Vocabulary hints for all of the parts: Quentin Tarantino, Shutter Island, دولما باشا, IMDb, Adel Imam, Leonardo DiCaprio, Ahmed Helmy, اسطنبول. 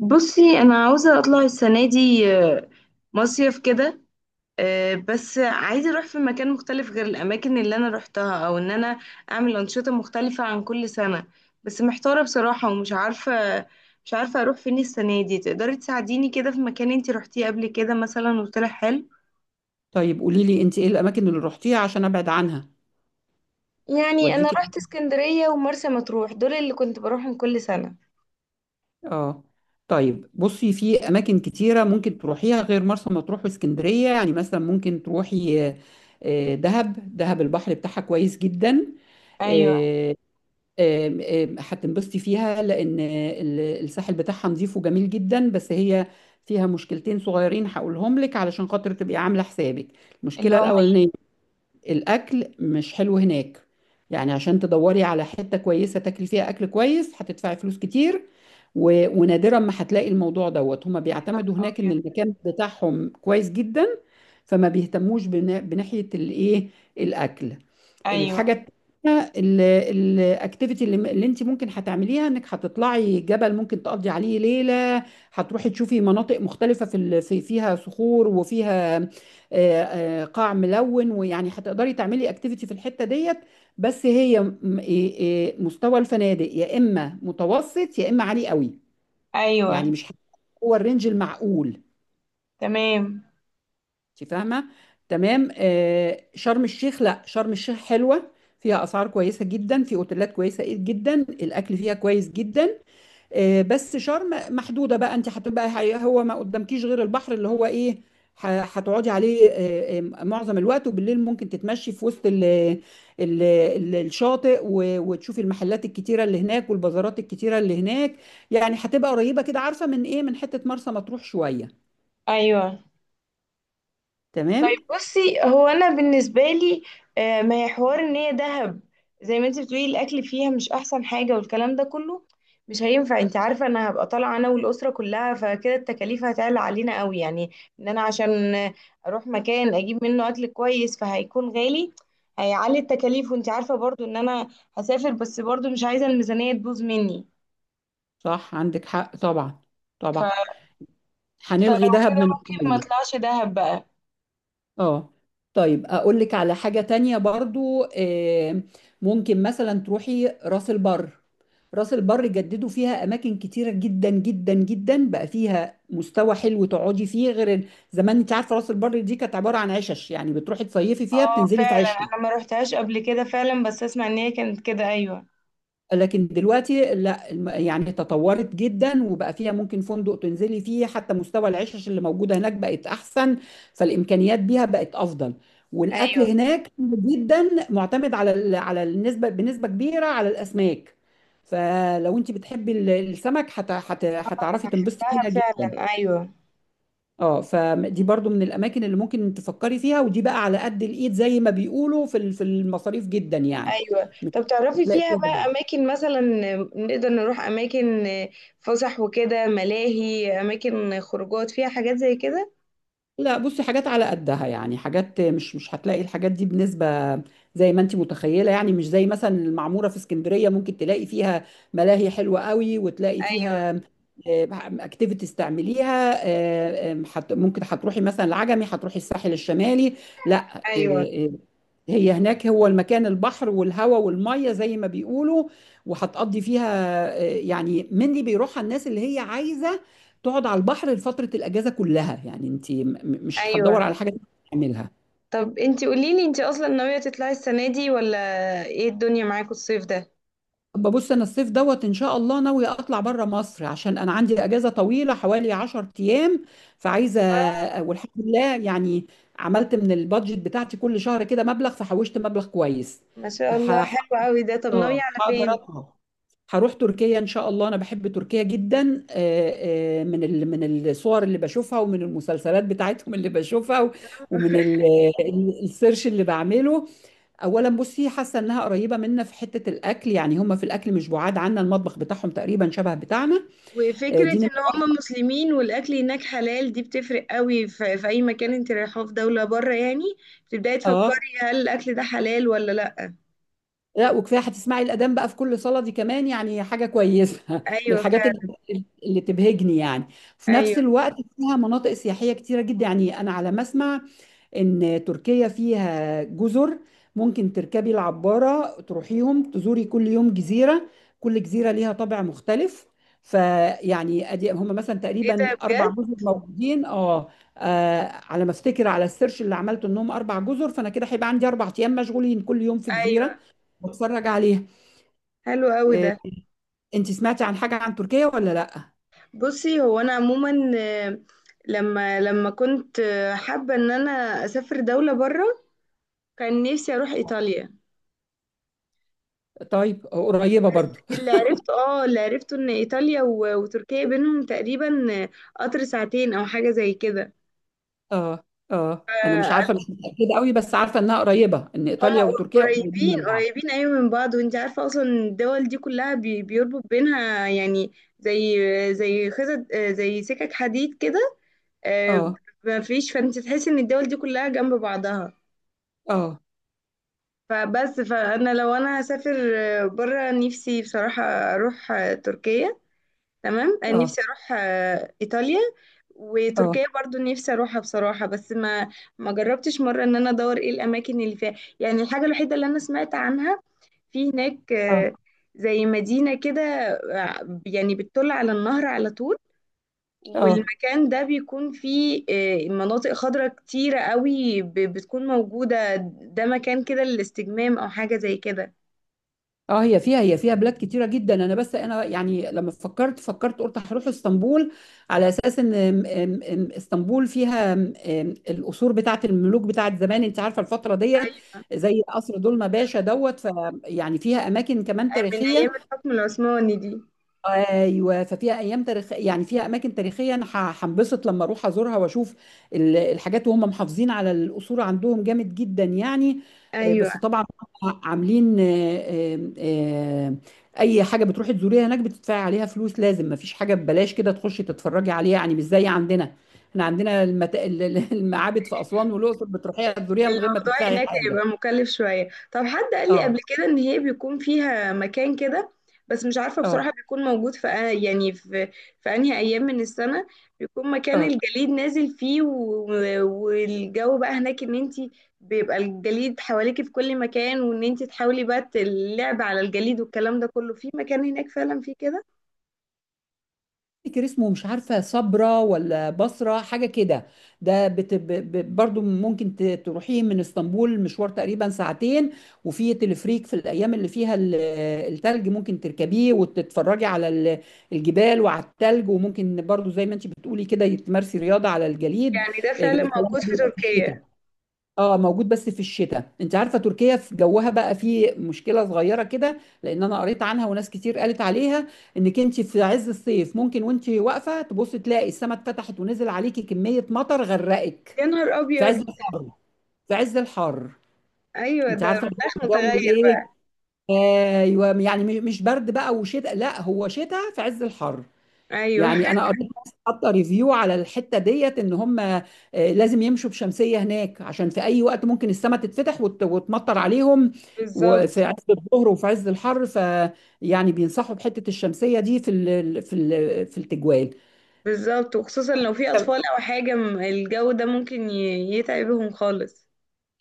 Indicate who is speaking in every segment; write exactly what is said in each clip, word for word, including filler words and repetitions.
Speaker 1: بصي، انا عاوزه اطلع السنه دي آه، مصيف كده. آه، بس عايزه اروح في مكان مختلف غير الاماكن اللي انا روحتها او ان انا اعمل انشطه مختلفه عن كل سنه. بس محتاره بصراحه ومش عارفه مش عارفه اروح فين السنه دي. تقدري تساعديني كده في مكان انتي روحتيه قبل كده مثلا وطلع حلو؟
Speaker 2: طيب قولي لي انت ايه الاماكن اللي روحتيها عشان ابعد عنها؟
Speaker 1: يعني انا
Speaker 2: واديكي،
Speaker 1: رحت اسكندريه ومرسى مطروح، دول اللي كنت بروحهم كل سنه.
Speaker 2: اه. طيب بصي، في اماكن كتيره ممكن تروحيها غير مرسى مطروح واسكندريه. يعني مثلا ممكن تروحي آه، دهب. دهب البحر بتاعها كويس جدا.
Speaker 1: ايوه.
Speaker 2: آه، آم، آم، هتنبسطي فيها لان ال- الساحل بتاعها نظيف وجميل جدا. بس هي فيها مشكلتين صغيرين هقولهم لك علشان خاطر تبقي عامله حسابك.
Speaker 1: اللي
Speaker 2: المشكله
Speaker 1: هم؟
Speaker 2: الاولانيه، الاكل مش حلو هناك. يعني عشان تدوري على حتة كويسة تاكلي فيها اكل كويس هتدفعي فلوس كتير. و... ونادرا ما هتلاقي الموضوع دوت. هما بيعتمدوا هناك ان
Speaker 1: الابيض.
Speaker 2: المكان بتاعهم كويس جدا، فما بيهتموش بنا... بناحية الايه، الاكل. الحاجة
Speaker 1: ايوه.
Speaker 2: التانية، الاكتيفيتي اللي, اللي انت ممكن هتعمليها، انك هتطلعي جبل ممكن تقضي عليه ليلة. هتروحي تشوفي مناطق مختلفة في ال- في فيها صخور، وفيها آه، آه، قاع ملون، ويعني هتقدري تعملي اكتيفيتي في الحتة ديت. بس هي م- إيه- إيه، مستوى الفنادق يا اما متوسط يا اما عالي قوي. يعني
Speaker 1: ايوه.
Speaker 2: مش، هو الرينج المعقول.
Speaker 1: تمام.
Speaker 2: انت فاهمه؟ تمام. آه، شرم الشيخ، لا شرم الشيخ حلوه. فيها اسعار كويسه جدا، في اوتيلات كويسه جدا، الاكل فيها كويس جدا. آه، بس شرم محدوده بقى. انت هتبقى ح- هو ما قدامكيش غير البحر، اللي هو ايه، ح- هتقعدي عليه آه، آه، معظم الوقت. وبالليل ممكن تتمشي في وسط ال ال ال الشاطئ، و- وتشوفي المحلات الكتيره اللي هناك والبازارات الكتيره اللي هناك. يعني هتبقى قريبه كده، عارفه، من ايه، من حته مرسى مطروح شويه.
Speaker 1: ايوه.
Speaker 2: تمام.
Speaker 1: طيب بصي، هو انا بالنسبه لي آه، ما هي حوار ان هي دهب. زي ما انت بتقولي الاكل فيها مش احسن حاجه والكلام ده كله، مش هينفع. انت عارفه انا هبقى طالعه انا والاسره كلها، فكده التكاليف هتعلى علينا قوي، يعني ان انا عشان اروح مكان اجيب منه اكل كويس فهيكون غالي، هيعلي التكاليف. وانت عارفه برضو ان انا هسافر، بس برضو مش عايزه الميزانيه تبوظ مني.
Speaker 2: صح، عندك حق طبعا.
Speaker 1: ف...
Speaker 2: طبعا.
Speaker 1: فلو
Speaker 2: هنلغي دهب
Speaker 1: كده
Speaker 2: من
Speaker 1: ممكن ما
Speaker 2: القايمة.
Speaker 1: اطلعش دهب بقى.
Speaker 2: اه. طيب اقول لك على حاجة تانية برضو. آه، ممكن مثلا تروحي راس البر. راس البر جددوا فيها اماكن كتيرة جدا جدا جدا. بقى فيها مستوى حلو تقعدي فيه غير ال- زمان. انت عارفة راس البر دي كانت عبارة عن عشش، يعني بتروحي تصيفي فيها
Speaker 1: اه
Speaker 2: بتنزلي في
Speaker 1: فعلا،
Speaker 2: عش.
Speaker 1: انا ما روحتهاش قبل كده فعلا، بس اسمع ان هي كانت كده، ايوه.
Speaker 2: لكن دلوقتي لا، الم- يعني تطورت جدا، وبقى فيها ممكن فندق تنزلي فيه، حتى مستوى العشش اللي موجودة هناك بقت أحسن. فالإمكانيات بيها بقت أفضل. والأكل
Speaker 1: ايوه.
Speaker 2: هناك جدا معتمد على ال- على النسبة بنسبة كبيرة على الأسماك. فلو انت بتحبي ال- السمك هت- هت- هتعرفي تنبسطي
Speaker 1: دهب
Speaker 2: فيها جدا.
Speaker 1: فعلا. ايوه.
Speaker 2: اه، فدي برضو من الاماكن اللي ممكن تفكري فيها. ودي بقى على قد الايد زي ما بيقولوا في ال- في المصاريف جدا يعني.
Speaker 1: ايوه. طب تعرفي
Speaker 2: هتلاقي
Speaker 1: فيها
Speaker 2: فيها،
Speaker 1: بقى اماكن مثلا نقدر نروح اماكن فسح وكده، ملاهي، اماكن خروجات فيها حاجات زي كده؟
Speaker 2: لا بصي، حاجات على قدها. يعني حاجات مش مش هتلاقي الحاجات دي بنسبة زي ما انت متخيلة. يعني مش زي مثلا المعمورة في اسكندرية، ممكن تلاقي فيها ملاهي حلوة قوي، وتلاقي
Speaker 1: ايوه.
Speaker 2: فيها اكتيفيتيز تعمليها. آه، آم، حت- ممكن هتروحي مثلا العجمي، هتروحي الساحل الشمالي. لا. آه،
Speaker 1: ايوه.
Speaker 2: آه، هي هناك، هو المكان البحر والهواء والمية زي ما بيقولوا. وهتقضي فيها، آه، يعني منلي بيروحها الناس اللي هي عايزة تقعد على البحر لفترة الأجازة كلها. يعني انت م- م- مش
Speaker 1: ايوه.
Speaker 2: هتدور على حاجة تعملها.
Speaker 1: طب انتي قوليلي، انتي اصلا ناوية تطلعي السنة دي ولا؟ ايه الدنيا معاكوا الصيف ده؟
Speaker 2: ببص، انا الصيف دوت ان شاء الله ناوية اطلع بره مصر، عشان انا عندي اجازة طويلة حوالي عشرة ايام. فعايزة، آه،
Speaker 1: اه.
Speaker 2: والحمد لله يعني، عملت من البادجت بتاعتي كل شهر كده مبلغ، فحوشت مبلغ كويس.
Speaker 1: ما شاء الله، حلو قوي ده. طب
Speaker 2: اه
Speaker 1: ناوية على
Speaker 2: هقدر
Speaker 1: فين؟
Speaker 2: اطلع. هروح تركيا ان شاء الله. انا بحب تركيا جدا. آه، آه، من ال- من الصور اللي بشوفها، ومن المسلسلات بتاعتهم اللي بشوفها، و- ومن ال- ال- السيرش اللي بعمله. اولا بصي، حاسه انها قريبه منا في حته الاكل. يعني هم في الاكل مش بعاد عنا، المطبخ بتاعهم تقريبا شبه بتاعنا. آه،
Speaker 1: وفكرة
Speaker 2: دي نمره
Speaker 1: ان هم
Speaker 2: واحد.
Speaker 1: مسلمين والاكل هناك حلال دي بتفرق قوي، ف- في اي مكان انت رايحه في دولة بره يعني بتبداي
Speaker 2: اه
Speaker 1: تفكري هل الاكل ده حلال ولا لا.
Speaker 2: لا، وكفايه هتسمعي الاذان بقى في كل صلاه، دي كمان يعني حاجه كويسه من
Speaker 1: ايوه
Speaker 2: الحاجات
Speaker 1: فعلا.
Speaker 2: اللي اللي تبهجني يعني. في نفس
Speaker 1: ايوه.
Speaker 2: الوقت فيها مناطق سياحيه كتيره جدا. يعني انا على ما اسمع ان تركيا فيها جزر، ممكن تركبي العبارة تروحيهم، تزوري كل يوم جزيرة. كل جزيرة ليها طابع مختلف. فيعني ادي هم مثلا
Speaker 1: ايه
Speaker 2: تقريبا
Speaker 1: ده
Speaker 2: اربع
Speaker 1: بجد؟
Speaker 2: جزر موجودين. اه. آه، على ما افتكر على السيرش اللي عملته انهم اربع جزر. فانا كده هيبقى عندي اربع ايام مشغولين، كل يوم في جزيرة
Speaker 1: ايوه.
Speaker 2: بتفرج عليها.
Speaker 1: حلو قوي ده.
Speaker 2: آه، انت سمعتي عن حاجة عن تركيا ولا لا؟
Speaker 1: بصي، هو انا عموما آه، لما لما كنت آه، حابة ان انا اسافر دولة بره، كان نفسي اروح ايطاليا.
Speaker 2: طيب. آه، قريبة برضو.
Speaker 1: اللي عرفته، اه، اللي عرفته ان ايطاليا و- وتركيا بينهم تقريبا آه، قطر ساعتين او حاجة زي
Speaker 2: اه. اه انا مش عارفة،
Speaker 1: كده.
Speaker 2: مش متأكدة قوي، بس عارفة انها قريبة، ان
Speaker 1: هما
Speaker 2: ايطاليا وتركيا قريبين من
Speaker 1: قريبين
Speaker 2: بعض.
Speaker 1: قريبين، أيوة من بعض. وانت عارفة أصلا الدول دي كلها بي- بيربط بينها يعني، زي زي خزط، آه، زي سكك حديد كده. آه،
Speaker 2: اه،
Speaker 1: ما فيش، فانت تحسي ان الدول دي كلها جنب بعضها.
Speaker 2: اه،
Speaker 1: فبس فانا لو انا هسافر بره، نفسي بصراحة اروح آه، تركيا. تمام، آه،
Speaker 2: اه،
Speaker 1: نفسي اروح آه، ايطاليا
Speaker 2: اه،
Speaker 1: وتركيا برضو نفسي اروحها بصراحة، بس ما ما جربتش مرة ان انا ادور ايه الاماكن اللي فيها. يعني الحاجة الوحيدة اللي انا سمعت عنها في هناك
Speaker 2: اه،
Speaker 1: آه، زي مدينة كده، آه، يعني بتطل على النهر على طول،
Speaker 2: اه،
Speaker 1: والمكان ده بيكون فيه آه، مناطق خضراء كتيرة قوي ب- بتكون موجودة. ده مكان كده للاستجمام أو حاجة زي كده.
Speaker 2: اه. هي فيها هي فيها بلاد كتيره جدا. انا بس انا يعني لما فكرت فكرت قلت هروح اسطنبول، على اساس ان ام- ام- ام اسطنبول فيها ام- ام القصور بتاعه الملوك بتاعه زمان. انت عارفه الفتره ديت،
Speaker 1: أيوة.
Speaker 2: زي قصر دولما باشا دوت. ف يعني فيها اماكن كمان
Speaker 1: من أيام
Speaker 2: تاريخيه.
Speaker 1: الحكم العثماني دي.
Speaker 2: ايوه، ففيها ايام تاريخ، يعني فيها اماكن تاريخيه. انا ح- هنبسط لما اروح ازورها واشوف ال- الحاجات. وهم محافظين على الاصول عندهم جامد جدا يعني. آه،
Speaker 1: أيوة.
Speaker 2: بس طبعا، هم عاملين آه، آه، آه، اي حاجه بتروحي تزوريها هناك بتدفعي عليها فلوس، لازم، ما فيش حاجه ببلاش كده تخشي تتفرجي عليها. يعني مش زي عندنا، احنا عندنا المت... ال- ال- المعابد في اسوان والاقصر بتروحيها تزوريها من غير ما
Speaker 1: الموضوع
Speaker 2: تدفعي
Speaker 1: هناك
Speaker 2: حاجه.
Speaker 1: هيبقى مكلف شوية. طب حد قال لي قبل
Speaker 2: اه،
Speaker 1: كده ان هي بيكون فيها مكان كده، بس مش عارفة
Speaker 2: اه،
Speaker 1: بصراحة بيكون موجود في يعني في في انهي ايام من السنة بيكون مكان
Speaker 2: اه.
Speaker 1: الجليد نازل فيه، و- والجو بقى هناك ان انتي بيبقى الجليد حواليكي في كل مكان، وان انتي تحاولي بقى اللعب على الجليد والكلام ده كله، في مكان هناك فعلا فيه كده.
Speaker 2: افتكر اسمه، مش عارفه، صبرا ولا بصره حاجه كده. ده بت... ب... ب... برضو ممكن ت... تروحيه من اسطنبول مشوار تقريبا ساعتين. وفي تلفريك، في الايام اللي فيها ال- التلج، ممكن تركبيه وتتفرجي على ال- الجبال وعلى التلج. وممكن برضو زي ما انت بتقولي كده تمارسي رياضه على الجليد.
Speaker 1: يعني ده
Speaker 2: إيه،
Speaker 1: فعلا
Speaker 2: الكلام ده
Speaker 1: موجود في
Speaker 2: بيبقى في
Speaker 1: تركيا؟
Speaker 2: الشتاء. اه موجود بس في الشتاء. انت عارفه تركيا في جوها بقى في مشكله صغيره كده، لان انا قريت عنها وناس كتير قالت عليها، انك انت في عز الصيف ممكن وانت واقفه تبص تلاقي السماء اتفتحت ونزل عليكي كميه مطر غرقك.
Speaker 1: يا نهار
Speaker 2: في عز
Speaker 1: ابيض!
Speaker 2: الحر، في عز الحر.
Speaker 1: ايوه
Speaker 2: انت
Speaker 1: ده
Speaker 2: عارفه اللي هو
Speaker 1: المناخ
Speaker 2: الجو
Speaker 1: متغير
Speaker 2: الايه.
Speaker 1: بقى.
Speaker 2: ايوه، يعني مش برد بقى وشتاء، لا هو شتاء في عز الحر.
Speaker 1: ايوه.
Speaker 2: يعني انا قريت ناس حاطه ريفيو على الحته ديت ان هم، آه، لازم يمشوا بشمسيه هناك، عشان في اي وقت ممكن السماء تتفتح وت- وتمطر عليهم. وفي
Speaker 1: بالظبط.
Speaker 2: عز الظهر وفي عز الحر، فيعني بينصحوا بحته الشمسيه دي في ال في ال في التجوال.
Speaker 1: بالظبط، وخصوصا لو في اطفال او حاجه، م- الجو ده ممكن ي- يتعبهم خالص.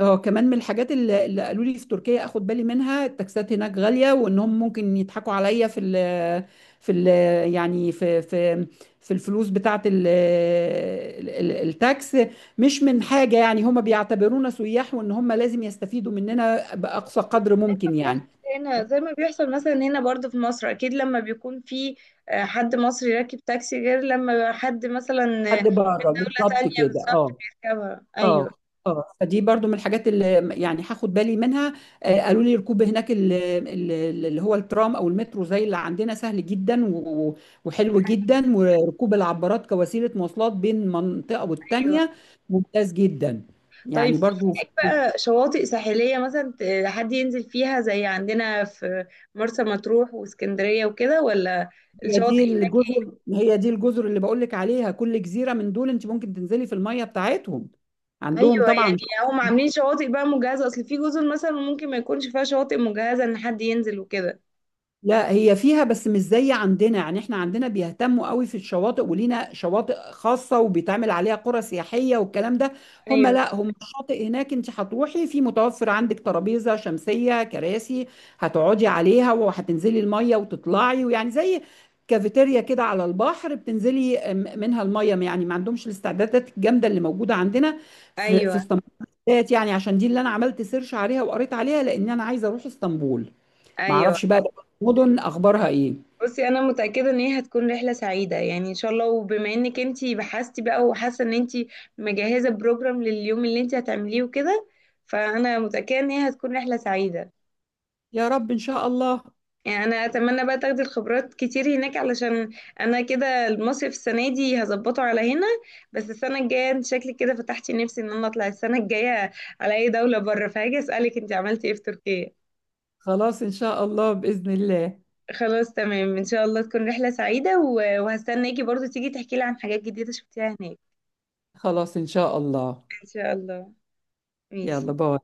Speaker 2: اه، كمان من الحاجات اللي اللي قالوا لي في تركيا، اخد بالي منها، التاكسات هناك غاليه، وانهم ممكن يضحكوا عليا في ال في ال يعني في في في الفلوس بتاعه ال- ال- ال- التاكس. مش من حاجه، يعني هم بيعتبرونا سياح، وان هم لازم يستفيدوا مننا باقصى قدر ممكن يعني.
Speaker 1: بيحصل هنا زي ما بيحصل مثلا هنا برضو في مصر، اكيد لما بيكون في آه، حد مصري راكب تاكسي غير لما حد مثلا آه،
Speaker 2: حد
Speaker 1: من
Speaker 2: بره
Speaker 1: دولة
Speaker 2: بالظبط
Speaker 1: تانية
Speaker 2: كده.
Speaker 1: بالظبط
Speaker 2: اه،
Speaker 1: بيركبها، ايوه.
Speaker 2: اه، اه. فدي برضو من الحاجات اللي يعني هاخد بالي منها. آه، قالوا لي ركوب هناك ال- ال- اللي هو الترام او المترو زي اللي عندنا سهل جدا و- وحلو جدا. وركوب العبارات كوسيله مواصلات بين منطقه
Speaker 1: ايوه.
Speaker 2: والتانيه ممتاز جدا.
Speaker 1: طيب
Speaker 2: يعني
Speaker 1: في
Speaker 2: برضو في-
Speaker 1: هناك بقى شواطئ ساحلية مثلا ت- حد ينزل فيها زي عندنا في مرسى مطروح واسكندرية وكده ولا؟
Speaker 2: هي
Speaker 1: الشواطئ.
Speaker 2: دي الجزر، هي دي الجزر اللي بقول لك عليها. كل جزيره من دول انت ممكن تنزلي في الميه بتاعتهم، عندهم
Speaker 1: ايوه.
Speaker 2: طبعا.
Speaker 1: يعني هم عاملين شواطئ بقى مجهزه اصل؟ في جزر مثلا ممكن ما يكونش فيها شواطئ مجهزه ان حد ينزل وكده.
Speaker 2: لا هي فيها بس مش زي عندنا، يعني احنا عندنا بيهتموا قوي في الشواطئ، ولينا شواطئ خاصة وبيتعمل عليها قرى سياحية والكلام ده. هم
Speaker 1: ايوه.
Speaker 2: لا، هم الشاطئ هناك انت هتروحي في، متوفر عندك ترابيزة شمسية، كراسي، هتقعدي عليها وهتنزلي المية وتطلعي. ويعني زي كافيتيريا كده على البحر، بتنزلي م- منها المية. يعني ما عندهمش الاستعدادات الجامدة اللي موجودة عندنا في في
Speaker 1: ايوه.
Speaker 2: اسطنبول بالذات، يعني عشان دي اللي انا عملت سيرش عليها وقريت عليها، لان انا عايزة اروح اسطنبول. ما
Speaker 1: ايوه.
Speaker 2: اعرفش بقى المدن اخبارها ايه.
Speaker 1: بصي، انا متاكده ان هي هتكون رحله سعيده يعني ان شاء الله. وبما انك انتي بحثتي بقى وحاسه ان انتي مجهزه بروجرام لليوم اللي انتي هتعمليه وكده، فانا متاكده ان هي هتكون رحله سعيده.
Speaker 2: يا رب ان شاء الله.
Speaker 1: يعني انا اتمنى بقى تاخدي الخبرات كتير هناك علشان انا كده المصيف السنه دي هظبطه على هنا، بس السنه الجايه انت شكلك كده فتحتي نفسي ان انا اطلع السنه الجايه على اي دوله بره، فهاجي اسالك انت عملتي ايه في تركيا.
Speaker 2: خلاص ان شاء الله باذن الله.
Speaker 1: خلاص تمام، ان شاء الله تكون رحله سعيده، و- وهستناكي برضو تيجي تحكي لي عن حاجات جديده شفتيها هناك.
Speaker 2: خلاص ان شاء الله.
Speaker 1: ان شاء الله.
Speaker 2: يلا،
Speaker 1: ماشي.
Speaker 2: باي.